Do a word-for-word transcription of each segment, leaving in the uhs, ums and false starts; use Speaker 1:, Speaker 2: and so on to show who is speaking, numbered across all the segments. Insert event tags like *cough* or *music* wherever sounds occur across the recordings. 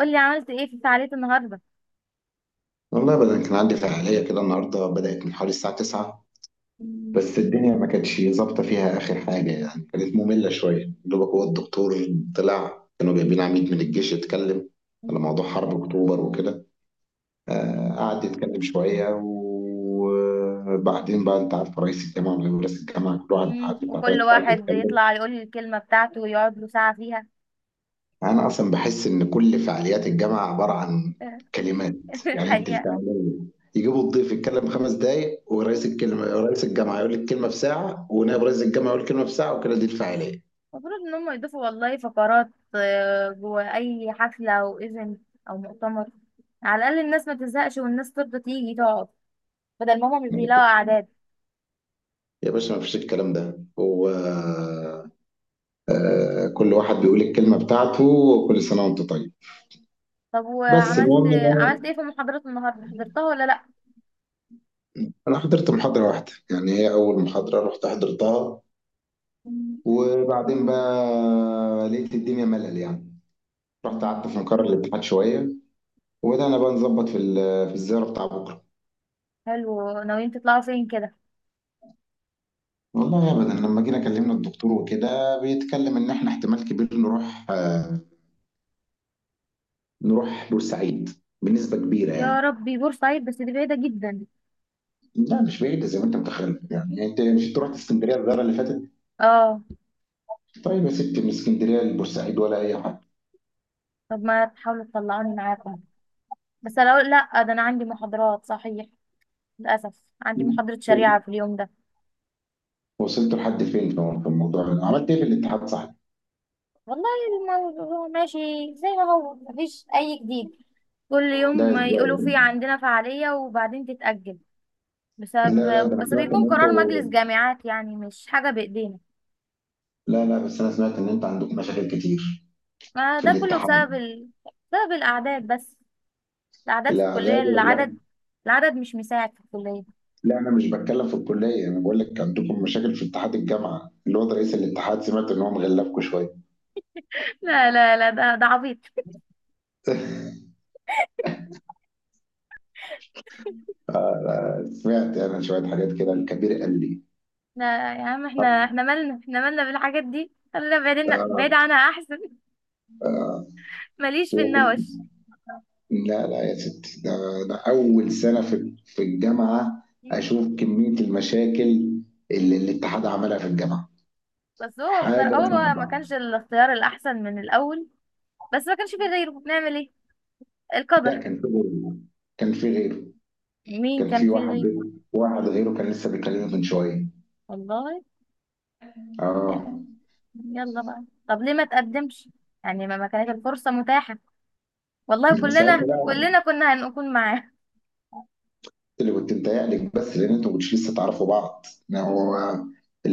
Speaker 1: قولي عملت ايه في فعالية النهاردة.
Speaker 2: والله بدل كان عندي فعالية كده النهاردة، بدأت من حوالي الساعة تسعة.
Speaker 1: *laughs*
Speaker 2: بس الدنيا ما كانتش ظابطة فيها آخر حاجة، يعني كانت مملة شوية دوبك، هو الدكتور طلع كانوا جايبين عميد من الجيش يتكلم على موضوع حرب أكتوبر وكده. آه قعد يتكلم شوية، وبعدين بقى أنت عارف، رئيس الجامعة ورئيس الجامعة كل واحد قعد
Speaker 1: مم.
Speaker 2: بتاع
Speaker 1: وكل
Speaker 2: تلات ساعات
Speaker 1: واحد
Speaker 2: يتكلم.
Speaker 1: يطلع يقول لي الكلمة بتاعته ويقعد له ساعة فيها.
Speaker 2: انا اصلا بحس ان كل فعاليات الجامعه عباره عن كلمات.
Speaker 1: *laughs*
Speaker 2: يعني انت
Speaker 1: الحقيقة،
Speaker 2: الفعاليه يجيبوا الضيف يتكلم خمس دقايق، ورئيس الكلمه رئيس الجامعه يقول الكلمه في ساعه، ونائب رئيس الجامعه يقول الكلمه في ساعه، وكده دي الفعاليه.
Speaker 1: المفروض ان هم يضيفوا والله فقرات، آه، جوه اي حفلة او ايفنت او مؤتمر، على الاقل الناس ما تزهقش والناس ترضى تيجي تقعد، بدل ما هم مش بيلاقوا اعداد.
Speaker 2: يا باشا ما فيش الكلام ده. هو آه، كل واحد بيقول الكلمه بتاعته. وكل سنه وانت طيب.
Speaker 1: طب
Speaker 2: بس
Speaker 1: وعملت
Speaker 2: المهم ان انا
Speaker 1: عملت ايه في محاضرات النهاردة، حضرتها ولا لا؟
Speaker 2: أنا حضرت محاضره واحده، يعني هي اول محاضره رحت حضرتها. وبعدين بقى لقيت الدنيا ملل يعني. رحت قعدت في مقر الاتحاد شويه، وبدأنا بقى نظبط في ال- في الزيارة بتاع بكرة.
Speaker 1: حلو، ناويين تطلعوا فين كده؟
Speaker 2: والله أبدا، لما جينا كلمنا الدكتور وكده بيتكلم إن إحنا احتمال كبير نروح، آه، نروح بورسعيد بنسبة كبيرة
Speaker 1: يا
Speaker 2: يعني.
Speaker 1: ربي، بورسعيد بس دي بعيدة جدا.
Speaker 2: لا مش بعيدة زي ما أنت متخيل، يعني أنت مش تروح اسكندرية الزيارة اللي فاتت؟
Speaker 1: اه.
Speaker 2: طيب يا ستي، من اسكندرية لبورسعيد ولا أي حاجة.
Speaker 1: طب ما تحاولوا تطلعوني معاكم، بس انا اقول لا، ده انا عندي محاضرات صحيح، للاسف عندي محاضرة شريعة في اليوم ده.
Speaker 2: وصلت لحد فين في في الموضوع ده؟ عملت إيه في الاتحاد صحيح؟
Speaker 1: والله الموضوع *laughs* ماشي زي ما هو، مفيش اي جديد، كل يوم
Speaker 2: لا
Speaker 1: ما يقولوا
Speaker 2: إزاي؟
Speaker 1: في عندنا فعالية وبعدين تتأجل.
Speaker 2: لا، لا، ده
Speaker 1: بسبب
Speaker 2: أنا
Speaker 1: بس
Speaker 2: سمعت إن
Speaker 1: بيكون قرار
Speaker 2: أنتوا.
Speaker 1: مجلس جامعات، يعني مش حاجة بايدينا.
Speaker 2: لا، لا، بس أنا سمعت إن أنتوا عندكم مشاكل كتير
Speaker 1: ما
Speaker 2: في
Speaker 1: ده كله بسبب
Speaker 2: الاتحاد.
Speaker 1: ال... بسبب الاعداد بس، الاعداد في
Speaker 2: لا،
Speaker 1: الكلية،
Speaker 2: لا،
Speaker 1: العدد، العدد مش مساعد في الكلية.
Speaker 2: لا، انا مش بتكلم في الكليه، انا بقول لك عندكم مشاكل في اتحاد الجامعه. الواد رئيس الاتحاد سمعت ان هو مغلفكم شويه.
Speaker 1: لا لا لا ده ده عبيط.
Speaker 2: سمعت انا شويه حاجات كده، الكبير قال لي.
Speaker 1: احنا يا عم، احنا احنا مالنا، احنا مالنا بالحاجات دي، خلينا بعيدنا بعيد
Speaker 2: آه،
Speaker 1: عنها احسن. *laughs* ماليش في
Speaker 2: هو في-
Speaker 1: النوش.
Speaker 2: لا، لا، يا ستي، ده, ده اول سنه في في الجامعه.
Speaker 1: مم.
Speaker 2: اشوف كميه المشاكل اللي الاتحاد عملها في الجامعه.
Speaker 1: بس هو
Speaker 2: حاجه
Speaker 1: بصراحة هو ما ما
Speaker 2: صعبه.
Speaker 1: كانش الاختيار الأحسن من الأول، بس ما كانش فيه غيره، نعمل ايه؟
Speaker 2: لا
Speaker 1: القدر.
Speaker 2: كان في غيره، كان في غيره،
Speaker 1: مين
Speaker 2: كان
Speaker 1: كان
Speaker 2: في
Speaker 1: فيه
Speaker 2: واحد.
Speaker 1: غيره؟
Speaker 2: واحد غيره كان لسه بيكلمني من شويه.
Speaker 1: والله.
Speaker 2: اه.
Speaker 1: آه. يلا بقى. طب ليه ما تقدمش؟ يعني ما ما كانت الفرصة متاحة، والله كلنا
Speaker 2: ساعتها
Speaker 1: كلنا كنا هنكون معاه.
Speaker 2: اللي كنت متهيألك، بس لان انتوا مش لسه تعرفوا بعض. ما هو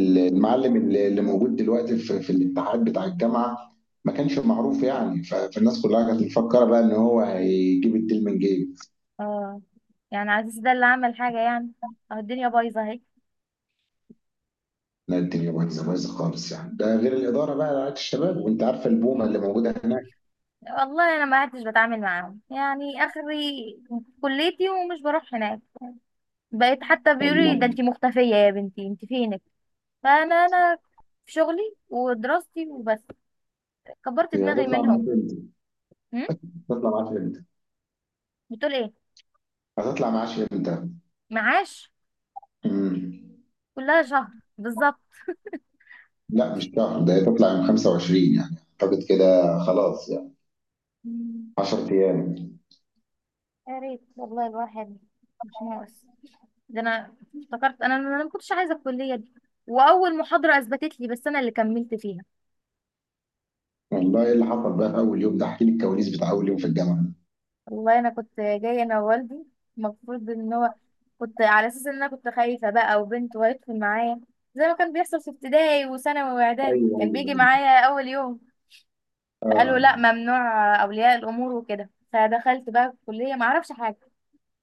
Speaker 1: *laughs*
Speaker 2: اللي اللي موجود دلوقتي في, في الاتحاد بتاع الجامعه ما كانش معروف يعني، ف- فالناس كلها كانت مفكره بقى ان هو هيجيب الديل من جيب.
Speaker 1: اه، يعني عزيز ده اللي عمل حاجة يعني؟ اه، الدنيا بايظة.
Speaker 2: لا الدنيا بايظه بايظه خالص يعني، ده غير الاداره بقى، رعايه الشباب، وانت عارفه البومه اللي
Speaker 1: اهي.
Speaker 2: موجوده هناك.
Speaker 1: والله انا ما عدتش بتعامل معاهم يعني اخري كليتي، ومش بروح هناك، بقيت حتى بيقولوا لي ده
Speaker 2: والله.
Speaker 1: انتي مختفيه يا بنتي، انتي فينك. فانا انا في شغلي ودراستي وبس، كبرت
Speaker 2: هي
Speaker 1: دماغي
Speaker 2: هتطلع معاك
Speaker 1: منهم.
Speaker 2: امتى؟
Speaker 1: هم؟
Speaker 2: هتطلع معاك امتى؟
Speaker 1: بتقول ايه؟
Speaker 2: هتطلع معاش امتى؟
Speaker 1: معاش؟
Speaker 2: مم.
Speaker 1: كلها شهر بالظبط.
Speaker 2: لا مش شهر، ده هتطلع يوم خمسة وعشرين يعني. اعتقد كده خلاص يعني.
Speaker 1: مم.
Speaker 2: عشر ايام.
Speaker 1: يا ريت والله، الواحد مش ناقص، ده انا افتكرت انا انا ما كنتش عايزه الكليه دي، واول محاضره اثبتت لي، بس انا اللي كملت فيها.
Speaker 2: والله ايه اللي حصل بقى في اول يوم ده؟ احكي لي الكواليس بتاع اول يوم في الجامعه.
Speaker 1: والله انا كنت جايه انا ووالدي، المفروض ان هو، كنت على اساس ان انا كنت خايفه بقى وبنت، وهيدخل معايا زي ما كان بيحصل في ابتدائي وثانوي واعدادي،
Speaker 2: ايوه،
Speaker 1: كان
Speaker 2: ايوه.
Speaker 1: بيجي معايا اول يوم. فقالوا
Speaker 2: اه.
Speaker 1: لا ممنوع اولياء الامور وكده، فدخلت بقى الكليه ما اعرفش حاجه،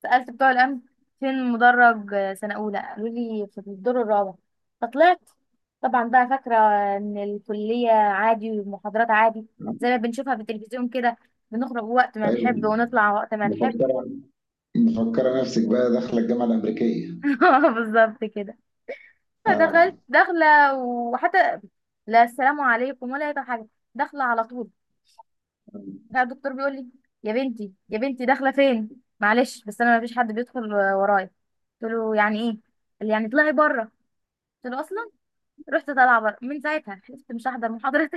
Speaker 1: سالت بتوع الامن فين مدرج سنه اولى، قالوا لي في الدور الرابع، فطلعت. طبعا بقى فاكره ان الكليه عادي والمحاضرات عادي، زي ما بنشوفها في التلفزيون كده، بنخرج وقت ما نحب
Speaker 2: ايوه.
Speaker 1: ونطلع وقت ما نحب.
Speaker 2: مفكره مفكره نفسك بقى داخله الجامعه الامريكيه.
Speaker 1: *laughs* اه بالظبط كده.
Speaker 2: اه.
Speaker 1: فدخلت داخله، وحتى لا السلام عليكم ولا اي حاجه، داخله على طول.
Speaker 2: آه.
Speaker 1: بقى الدكتور بيقول لي يا بنتي، يا بنتي داخله فين؟ معلش بس انا ما فيش حد بيدخل ورايا. قلت له يعني ايه؟ قال لي يعني اطلعي بره. قلت له اصلا، رحت طالعه بره، من ساعتها حلفت مش هحضر محاضره.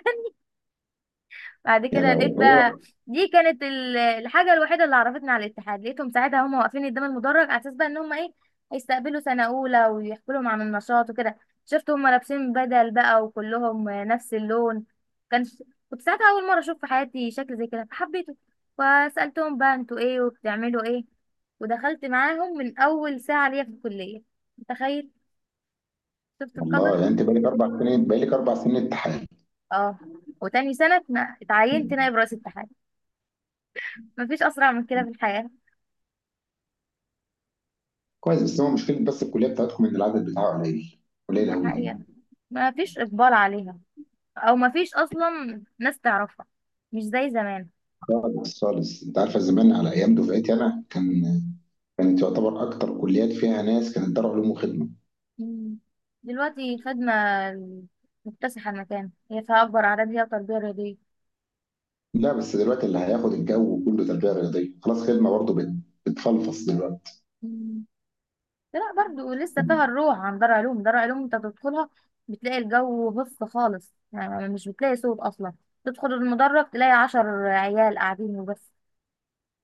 Speaker 1: بعد
Speaker 2: يا
Speaker 1: كده
Speaker 2: لو
Speaker 1: لقيت بقى،
Speaker 2: هو.
Speaker 1: دي كانت ال- الحاجة الوحيدة اللي عرفتنا على الاتحاد، لقيتهم ساعتها هم واقفين قدام المدرج، على اساس بقى ان هم ايه، هيستقبلوا سنة اولى ويحكوا لهم عن النشاط وكده. شفت هم لابسين بدل بقى وكلهم نفس اللون، كان، كنت ساعتها اول مرة اشوف في حياتي شكل زي كده فحبيته، فسألتهم بقى انتوا ايه وبتعملوا ايه، ودخلت معاهم من اول ساعة ليا في الكلية. متخيل؟ شفت
Speaker 2: والله
Speaker 1: القدر؟
Speaker 2: يعني انت بقالك اربع سنين، بقالك اربع سنين امتحان.
Speaker 1: اه. وتاني سنة اتنا- اتعينت نائب رئيس اتحاد، مفيش اسرع من كده في الحياة.
Speaker 2: كويس. بس هو مشكله، بس الكليه بتاعتكم ان العدد بتاعه قليل. قليل
Speaker 1: دي
Speaker 2: قوي.
Speaker 1: حقيقة، ما فيش إقبال عليها، أو ما فيش أصلا ناس تعرفها، مش زي زمان.
Speaker 2: خالص، خالص. انت عارفه زمان على ايام دفعتي انا، كان
Speaker 1: مم.
Speaker 2: كانت يعتبر اكتر كليات فيها ناس كانت دار علوم وخدمه.
Speaker 1: مم. دلوقتي خدمة مكتسحة المكان، هي فيها أكبر أعداد، هي التربية الرياضية.
Speaker 2: لا بس دلوقتي اللي هياخد الجو كله تربية رياضية. خلاص خدمة برضه بت- بتفلفص دلوقتي.
Speaker 1: مم. لا برضو لسه فيها الروح، عن دار علوم، دار علوم أنت تدخلها بتلاقي الجو بص خالص، يعني مش بتلاقي صوت أصلا، تدخل المدرج تلاقي عشر عيال قاعدين وبس،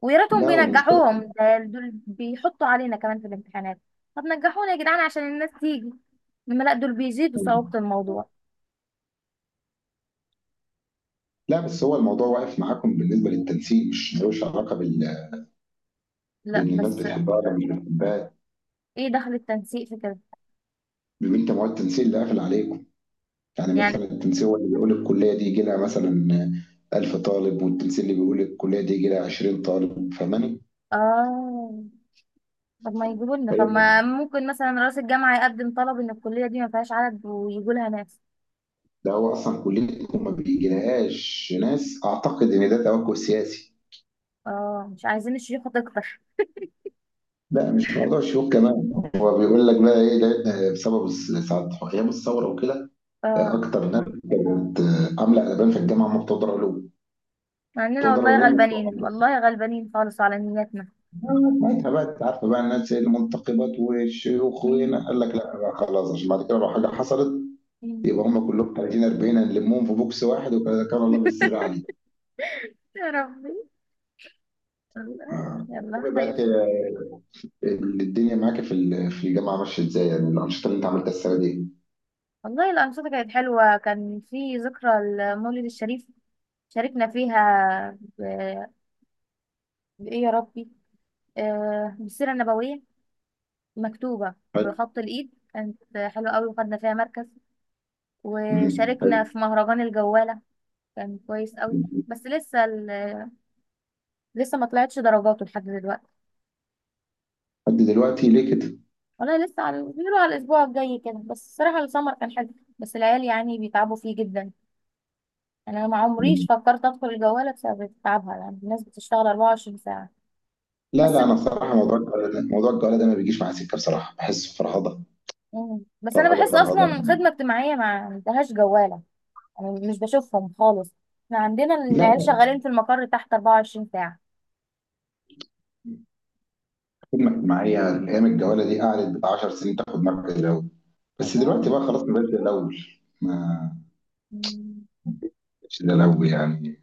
Speaker 1: ويا ريتهم
Speaker 2: لا والمشكلة.
Speaker 1: بينجحوهم، ده دول بيحطوا علينا كمان في الامتحانات. طب نجحونا يا جدعان عشان الناس تيجي، لما لا دول بيزيدوا صعوبة الموضوع.
Speaker 2: لا بس هو الموضوع واقف معاكم بالنسبة للتنسيق، مش ملوش علاقة بال
Speaker 1: لا
Speaker 2: بإن الناس
Speaker 1: بس.
Speaker 2: بتحبها ولا مش بتحبها.
Speaker 1: ايه دخل التنسيق في كده؟
Speaker 2: بيبقى أنت مواد التنسيق اللي قافل عليكم. يعني مثلا
Speaker 1: يعني.
Speaker 2: التنسيق هو اللي بيقول الكلية دي يجي لها مثلا ألف طالب، والتنسيق اللي بيقول الكلية دي يجي لها عشرين طالب. فاهماني؟
Speaker 1: اه. طب ما يجيبوا لنا، طب ما
Speaker 2: طيب.
Speaker 1: ممكن مثلا رئيس الجامعة يقدم طلب ان الكلية دي ما فيهاش عدد ويجوا لها ناس.
Speaker 2: ده هو أصلا كليتكم ما بيجيلهاش ناس، أعتقد إن ده توجه سياسي.
Speaker 1: اه مش عايزين الشيوخة تكتر.
Speaker 2: لا مش موضوع شيوخ كمان. هو بيقول لك بقى ايه، لان بسبب الس- ساعة ايام الثوره وكده.
Speaker 1: اه.
Speaker 2: اكتر ناس كانت عامله قلبان في الجامعه هم بتوع دار علوم.
Speaker 1: مع
Speaker 2: بتوع
Speaker 1: اننا
Speaker 2: دار
Speaker 1: والله
Speaker 2: علوم وبتوع
Speaker 1: غلبانين،
Speaker 2: هندسه.
Speaker 1: والله غلبانين خالص على نياتنا.
Speaker 2: آه، ساعتها بقى انت عارفه بقى، الناس المنتقبات والشيوخ،
Speaker 1: مم.
Speaker 2: وهنا قال لك لا بقى خلاص، عشان بعد كده لو حاجه حصلت
Speaker 1: مم.
Speaker 2: يبقى هم كلهم تلاتين أربعين هنلمهم في بوكس واحد، وكان الله بالسر
Speaker 1: *laughs*
Speaker 2: عليه.
Speaker 1: يا ربي، الله
Speaker 2: آه.
Speaker 1: يلا
Speaker 2: بقى
Speaker 1: خير.
Speaker 2: إنت الدنيا معاك في ال- في الجامعه ماشيه ازاي؟ يعني الانشطه اللي انت عملتها السنه دي.
Speaker 1: والله الأنشطة كانت حلوة، كان في ذكرى المولد الشريف شاركنا فيها ب... بإيه يا ربي، آه، بالسيرة النبوية مكتوبة
Speaker 2: حلو.
Speaker 1: بخط الإيد، كانت حلوة قوي وخدنا فيها مركز.
Speaker 2: مم.
Speaker 1: وشاركنا في مهرجان الجوالة، كان كويس قوي،
Speaker 2: حلو.
Speaker 1: بس لسه ال- آه، لسه ما طلعتش درجاته لحد دلوقتي.
Speaker 2: لحد دلوقتي ليه كده؟
Speaker 1: والله لسه على بيقولوا على الأسبوع الجاي كده. بس الصراحة السمر كان حلو، بس العيال يعني بيتعبوا فيه جدا، يعني أنا ما عمريش
Speaker 2: مم.
Speaker 1: فكرت أدخل الجوالة بسبب تعبها، يعني الناس بتشتغل اربعة وعشرين ساعة.
Speaker 2: لا،
Speaker 1: بس،
Speaker 2: لا، انا بصراحه موضوع الجواله ده، موضوع الجواله ده ما بيجيش معايا سكه. بصراحه بحس فرهضه.
Speaker 1: مم. بس أنا
Speaker 2: فرهضه
Speaker 1: بحس
Speaker 2: فرهضه بقى.
Speaker 1: أصلا خدمة اجتماعية ما عندهاش جوالة، مش بشوفهم خالص، احنا عندنا
Speaker 2: لا،
Speaker 1: العيال
Speaker 2: لا.
Speaker 1: شغالين في المقر تحت اربعة وعشرين ساعة.
Speaker 2: خدمه اجتماعيه ايام الجواله دي قعدت بتاع عشر سنين تاخد مركز الاول. بس
Speaker 1: الله.
Speaker 2: دلوقتي بقى خلاص ما بقتش زي الاول. ما
Speaker 1: مم.
Speaker 2: بقتش زي الاول يعني.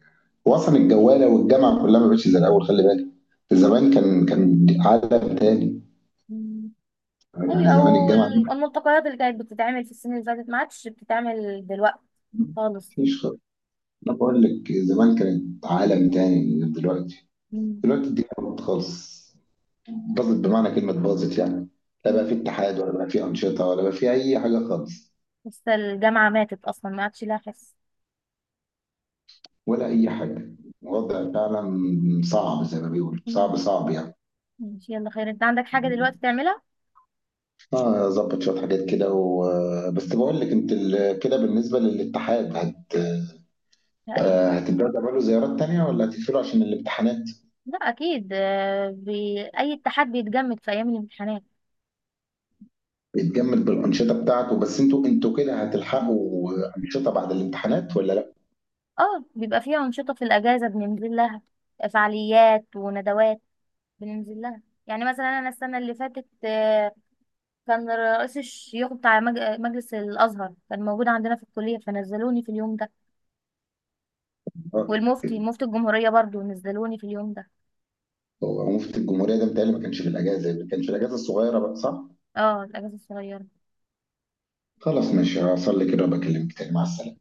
Speaker 2: هو اصلا الجواله والجامعه كلها ما بقتش زي الاول، خلي بالك. زمان كان كان عالم تاني.
Speaker 1: مم.
Speaker 2: يعني
Speaker 1: ايوه،
Speaker 2: زمان
Speaker 1: او
Speaker 2: الجامعه دي
Speaker 1: ال- الملتقيات اللي كانت بتتعمل في السنين اللي فاتت ما عادش بتتعمل دلوقتي. خالص.
Speaker 2: مفيش خالص. انا بقول لك زمان كانت عالم تاني غير دلوقتي.
Speaker 1: مم.
Speaker 2: دلوقتي الدنيا باظت خالص. باظت بمعنى كلمة باظت يعني. لا بقى
Speaker 1: مم.
Speaker 2: في اتحاد، ولا بقى في أنشطة، ولا بقى في أي حاجة خالص.
Speaker 1: لسه الجامعة ماتت اصلا، ما عادش لها حس.
Speaker 2: ولا أي حاجة. الوضع فعلا صعب، زي ما بيقولوا
Speaker 1: مم.
Speaker 2: صعب صعب يعني.
Speaker 1: ماشي، يلا خير. انت عندك حاجة دلوقتي تعملها؟
Speaker 2: اه ظبط شوية حاجات كده و... بس بقول لك انت ال... كده بالنسبة للاتحاد هت...
Speaker 1: اي.
Speaker 2: آه، هتبدأوا تعملوا زيارات تانية ولا هتقفلوا عشان الامتحانات؟
Speaker 1: لا اكيد، آه، بي... اي اتحاد بيتجمد في ايام الامتحانات.
Speaker 2: بيتجمد بالأنشطة بتاعته. بس انتوا انتوا كده
Speaker 1: مم.
Speaker 2: هتلحقوا أنشطة بعد الامتحانات ولا لا؟
Speaker 1: اه، بيبقى فيها انشطة في الاجازة بننزل لها، فعاليات وندوات بننزل لها. يعني مثلا انا السنه اللي فاتت آه، كان رئيس الشيوخ بتاع مج- مجلس الازهر كان موجود عندنا في الكليه، فنزلوني في اليوم ده،
Speaker 2: آه،
Speaker 1: والمفتي مفتي الجمهوريه برضو نزلوني في اليوم ده.
Speaker 2: هو مفتي الجمهورية ده متهيألي ما كانش في الأجازة. ما كانش في الأجازة الصغيرة بقى صح؟
Speaker 1: اه الاجازه الصغيره.
Speaker 2: خلاص ماشي، هصلي كده وبكلمك تاني. مع السلامة.